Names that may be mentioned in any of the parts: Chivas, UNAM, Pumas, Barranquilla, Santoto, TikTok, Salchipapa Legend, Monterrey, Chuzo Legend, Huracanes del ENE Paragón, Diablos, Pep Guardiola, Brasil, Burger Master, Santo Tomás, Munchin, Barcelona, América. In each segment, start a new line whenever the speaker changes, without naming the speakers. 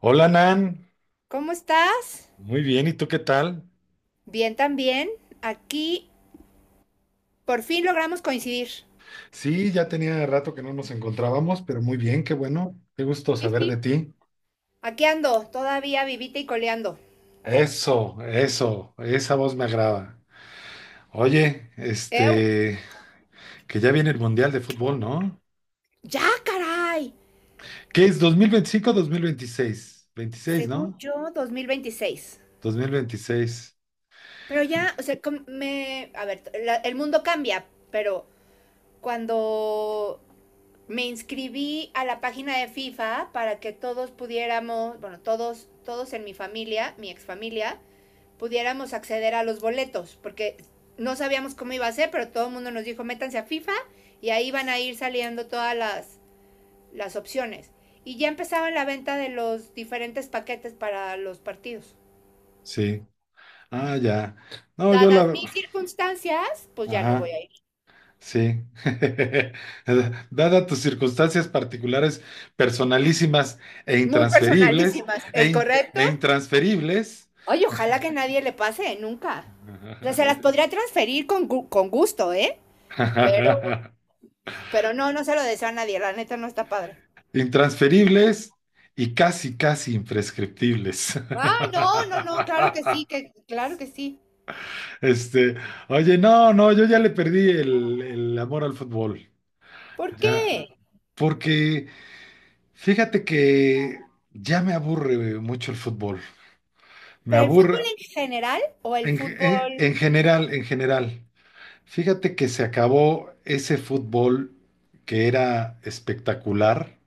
Hola Nan,
¿Cómo estás?
muy bien, ¿y tú qué tal?
Bien también. Aquí por fin logramos coincidir.
Sí, ya tenía rato que no nos encontrábamos, pero muy bien, qué bueno, qué gusto
Sí,
saber de
sí.
ti.
Aquí ando, todavía vivita y coleando.
Eso, esa voz me agrada. Oye,
Ew.
que ya viene el Mundial de Fútbol, ¿no?
Ya, caray.
¿Qué es 2025 o 2026, veintiséis?
Según
¿No?
yo, 2026.
2026,
Pero ya, o sea, me... A ver, el mundo cambia, pero cuando me inscribí a la página de FIFA para que todos pudiéramos, bueno, todos en mi familia, mi exfamilia, pudiéramos acceder a los boletos, porque no sabíamos cómo iba a ser, pero todo el mundo nos dijo, métanse a FIFA y ahí van a ir saliendo todas las opciones. Y ya empezaba la venta de los diferentes paquetes para los partidos.
sí. Ah, ya. No, yo
Dadas
la...
mis circunstancias, pues ya no
Ajá.
voy a ir.
Sí. Dada tus circunstancias particulares, personalísimas e
Muy
intransferibles,
personalísimas,
e,
¿es
in-
correcto?
e intransferibles,
Oye, ojalá que nadie le pase, nunca. O sea, se las podría transferir con gusto, ¿eh? Pero, pero no, no se lo deseo a nadie, la neta no está padre.
intransferibles y casi, casi imprescriptibles.
Ay, no, no, no, claro que sí, que claro que sí.
Este, oye, no, no, yo ya le perdí el amor al fútbol.
¿Por
Ya,
qué?
porque fíjate que ya me aburre mucho el fútbol. Me
¿Pero el fútbol
aburre.
en general o el
En, en-
fútbol?
en general, en general, fíjate que se acabó ese fútbol que era espectacular,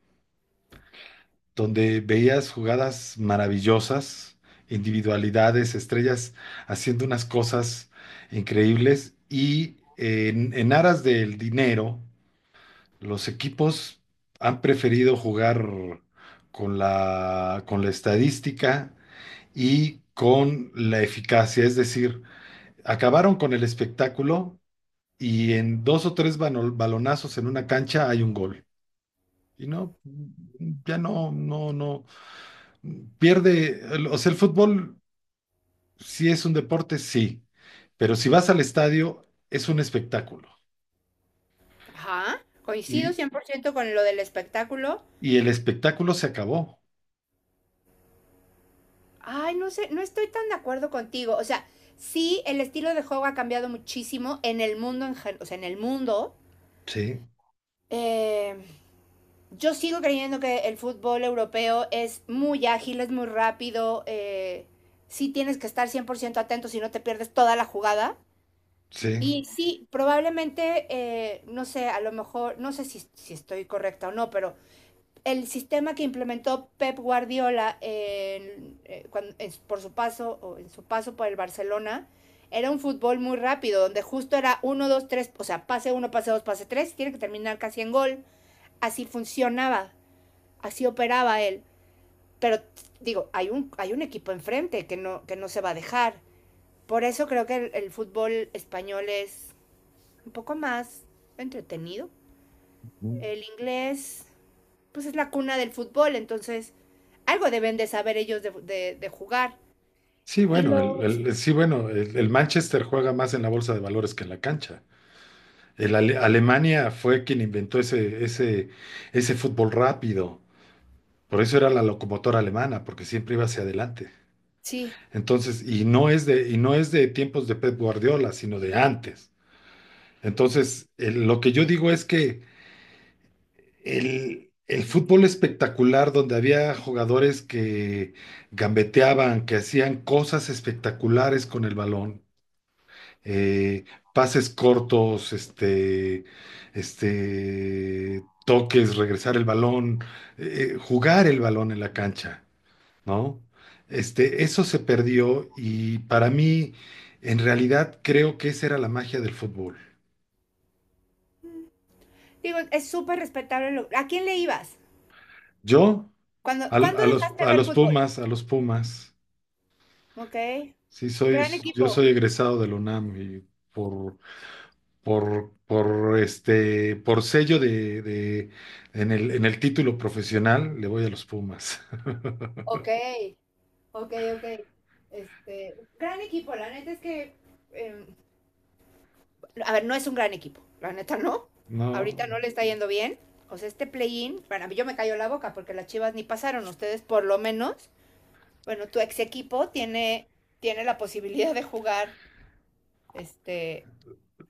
donde veías jugadas maravillosas, individualidades, estrellas haciendo unas cosas increíbles y en aras del dinero, los equipos han preferido jugar con la estadística y con la eficacia, es decir, acabaron con el espectáculo y en dos o tres balonazos en una cancha hay un gol. Y no, ya no, no, no, pierde, o sea, el fútbol sí es un deporte, sí, pero si vas al estadio es un espectáculo.
Ajá, coincido
Y,
100% con lo del espectáculo.
y el espectáculo se acabó.
Ay, no sé, no estoy tan de acuerdo contigo. O sea, sí, el estilo de juego ha cambiado muchísimo en el mundo, o sea, en el mundo.
Sí,
Eh, yo sigo creyendo que el fútbol europeo es muy ágil, es muy rápido. Sí tienes que estar 100% atento si no te pierdes toda la jugada.
sí.
Y sí, probablemente, no sé, a lo mejor, no sé si estoy correcta o no, pero el sistema que implementó Pep Guardiola en, cuando- en- su- por su paso, o en su paso por el Barcelona, era un fútbol muy rápido, donde justo era uno 2 tres, o sea, pase uno pase 2 pase 3 tiene que terminar casi en gol. Así funcionaba, así operaba él. Pero digo, hay un equipo enfrente que no se va a dejar. Por eso creo que el fútbol español es un poco más entretenido.
Ujú.
El inglés, pues es la cuna del fútbol, entonces algo deben de saber ellos de jugar.
Sí,
Y
bueno,
los,
sí, bueno, el Manchester juega más en la bolsa de valores que en la cancha. Alemania fue quien inventó ese fútbol rápido. Por eso era la locomotora alemana, porque siempre iba hacia adelante.
sí,
Entonces, y no es de tiempos de Pep Guardiola, sino de antes. Entonces, lo que yo digo es que el fútbol espectacular, donde había jugadores que gambeteaban, que hacían cosas espectaculares con el balón, eh, pases cortos, toques, regresar el balón, jugar el balón en la cancha, ¿no? Eso se perdió y para mí, en realidad, creo que esa era la magia del fútbol.
digo, es súper respetable. ¿A quién le ibas?
Yo,
¿Cuándo dejaste de ver fútbol?
A los Pumas,
Ok,
sí soy,
gran
yo soy
equipo.
egresado de la UNAM y por, por sello en el título profesional, le voy a los Pumas.
Ok, ok, ok. Este, gran equipo, la neta es que em, a ver, no es un gran equipo, la neta no. Ahorita
No,
no le está yendo bien. O sea, este play-in, para mí yo me cayó la boca porque las Chivas ni pasaron. Ustedes por lo menos, bueno, tu ex equipo tiene la posibilidad de jugar este,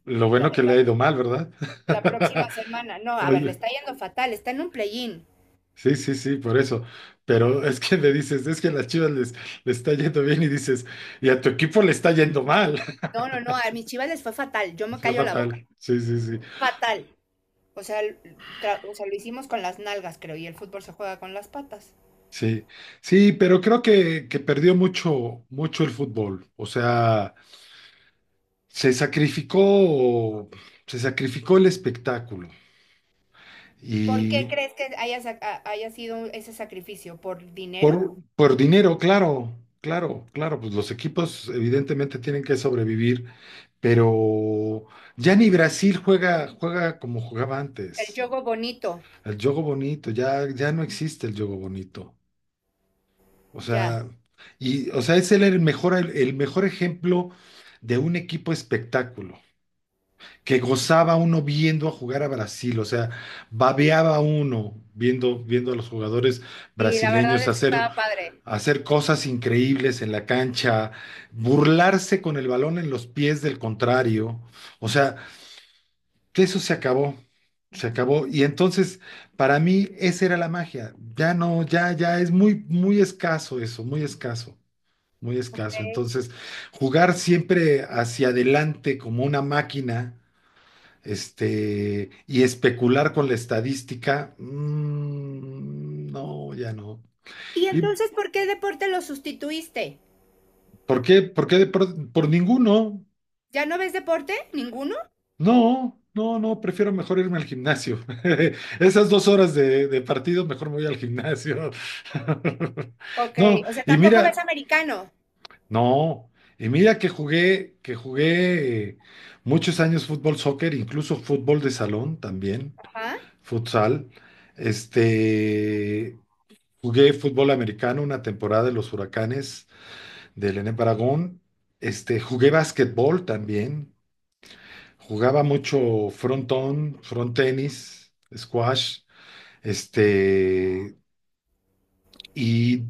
lo
la,
bueno que le ha ido mal, ¿verdad?
la próxima semana. No, a ver, le
Oye.
está yendo fatal, está en un play-in.
Sí, sí, sí, por eso. Pero es que le dices, es que a las Chivas les está yendo bien y dices, y a tu equipo le está yendo mal.
No, no, no, a mis Chivas les fue fatal, yo me
Fue
callo la boca.
fatal. Sí, sí, sí.
Fatal. O sea, o sea, lo hicimos con las nalgas, creo, y el fútbol se juega con las patas.
Sí, sí, pero creo que, perdió mucho, mucho el fútbol. O sea, se sacrificó, se sacrificó el espectáculo
¿Por qué
y,
crees que haya sido ese sacrificio? ¿Por
Por,
dinero?
por dinero, claro, claro, claro, pues los equipos evidentemente tienen que sobrevivir, pero ya ni Brasil juega, como jugaba
El
antes.
yogo bonito,
El juego bonito, ya no existe el juego bonito. O
ya.
sea, y, o sea, es el mejor ejemplo de un equipo espectáculo, que gozaba uno viendo a jugar a Brasil, o sea, babeaba uno viendo a los jugadores
Sí, la verdad
brasileños
es que
hacer
estaba padre.
cosas increíbles en la cancha, burlarse con el balón en los pies del contrario. O sea, que eso se acabó, se acabó. Y entonces, para mí, esa era la magia. Ya no, ya es muy, muy escaso eso, muy escaso, muy
Ok.
escaso. Entonces, jugar siempre hacia adelante como una máquina. Y especular con la estadística, no, ya no.
¿Y
¿Y
entonces por qué deporte lo sustituiste?
por qué? ¿Por qué por ninguno?
¿Ya no ves deporte? ¿Ninguno?
No, no, no, prefiero mejor irme al gimnasio. Esas 2 horas de partido, mejor me voy al gimnasio.
Ok,
No,
o sea,
y
tampoco ves
mira,
americano.
no, y mira que jugué muchos años fútbol, soccer, incluso fútbol de salón también,
Ajá,
futsal. Este, jugué fútbol americano una temporada de los Huracanes del ENE Paragón. Jugué básquetbol también. Jugaba mucho frontón, front tenis, squash, este, y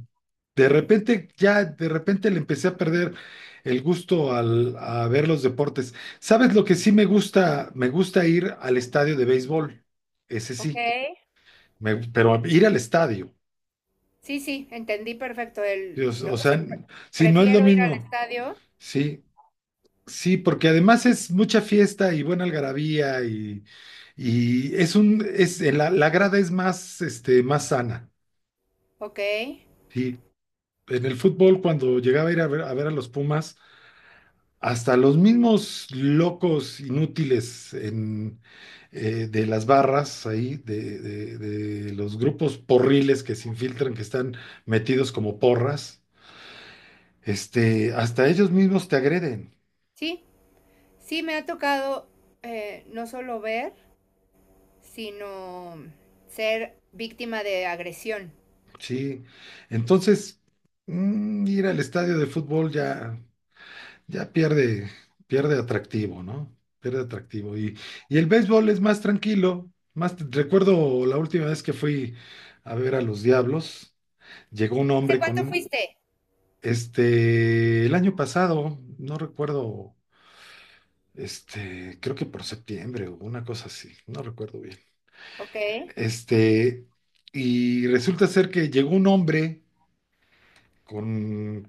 de repente, ya de repente le empecé a perder el gusto a ver los deportes. ¿Sabes lo que sí me gusta? Me gusta ir al estadio de béisbol, ese
ok.
sí, pero ir al estadio,
Sí, sí, entendí perfecto.
Dios,
No,
o
o sea,
sea, sí, no es lo
prefiero ir al
mismo,
estadio.
sí, sí. porque además es mucha fiesta y buena algarabía y es un, es, la, la grada es más, más sana.
Ok.
Sí, en el fútbol cuando llegaba a ir ver a los Pumas, hasta los mismos locos inútiles de las barras ahí, de los grupos porriles que se infiltran, que están metidos como porras, hasta ellos mismos te agreden.
Sí, sí, me ha tocado no solo ver, sino ser víctima de agresión.
Sí, entonces ir al estadio de fútbol ya, ya pierde, pierde atractivo, ¿no? Pierde atractivo. Y el béisbol es más tranquilo. Más, recuerdo la última vez que fui a ver a los Diablos, llegó un
¿Hace
hombre
cuánto
con,
fuiste?
el año pasado, no recuerdo, creo que por septiembre o una cosa así, no recuerdo bien.
Ok.
Este, y resulta ser que llegó un hombre con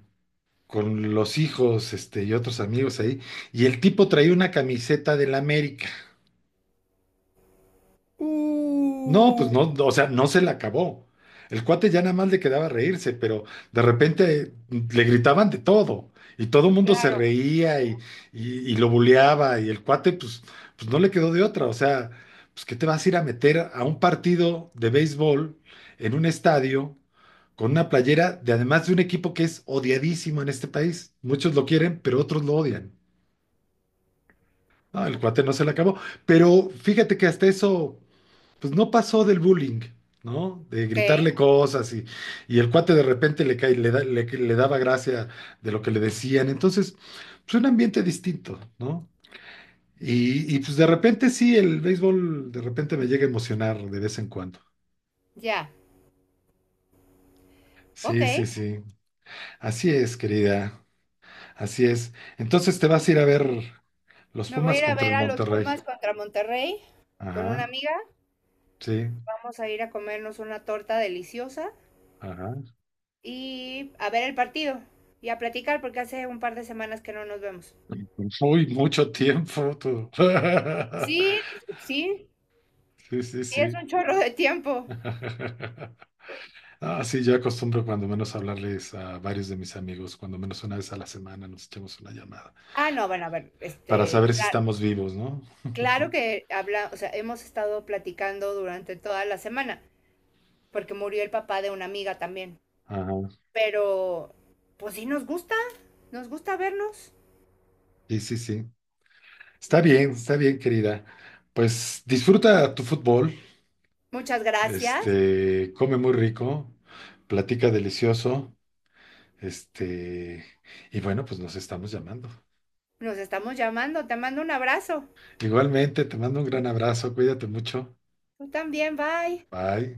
con los hijos, y otros amigos ahí, y el tipo traía una camiseta del América. No, pues
Uh,
no, no, o sea, no se la acabó. El cuate ya nada más le quedaba reírse, pero de repente le gritaban de todo, y todo el mundo se
claro.
reía y lo buleaba, y el cuate, pues, pues no le quedó de otra. O sea, pues, ¿qué te vas a ir a meter a un partido de béisbol en un estadio con una playera de además de un equipo que es odiadísimo en este país? Muchos lo quieren, pero otros lo odian. No, el cuate no se la acabó. Pero fíjate que hasta eso, pues no pasó del bullying, ¿no? De
Ok,
gritarle cosas y el cuate de repente le cae, le daba gracia de lo que le decían. Entonces, pues un ambiente distinto, ¿no? Y pues de repente sí, el béisbol de repente me llega a emocionar de vez en cuando.
ya. Ok.
Sí, sí, sí. Así es, querida. Así es. Entonces te vas a ir a ver los
Me voy a
Pumas
ir a
contra
ver
el
a los
Monterrey.
Pumas contra Monterrey con una
Ajá,
amiga.
sí,
Vamos a ir a comernos una torta deliciosa
ajá.
y a ver el partido y a platicar porque hace un par de semanas que no nos vemos.
Uy, mucho tiempo tú.
Sí, sí,
Sí, sí,
sí es
sí.
un chorro de tiempo.
Ah, sí, yo acostumbro cuando menos hablarles a varios de mis amigos, cuando menos una vez a la semana nos echamos una llamada
Ah, no, bueno, a ver,
para
este,
saber si estamos vivos, ¿no?
claro que habla, o sea, hemos estado platicando durante toda la semana porque murió el papá de una amiga también,
Ajá.
pero pues sí nos gusta vernos.
Sí, sí, sí. Está bien, querida. Pues disfruta tu fútbol,
Muchas gracias.
come muy rico, platica delicioso, este, y bueno, pues nos estamos llamando.
Nos estamos llamando. Te mando un abrazo.
Igualmente, te mando un gran abrazo, cuídate mucho.
Tú también, bye.
Bye.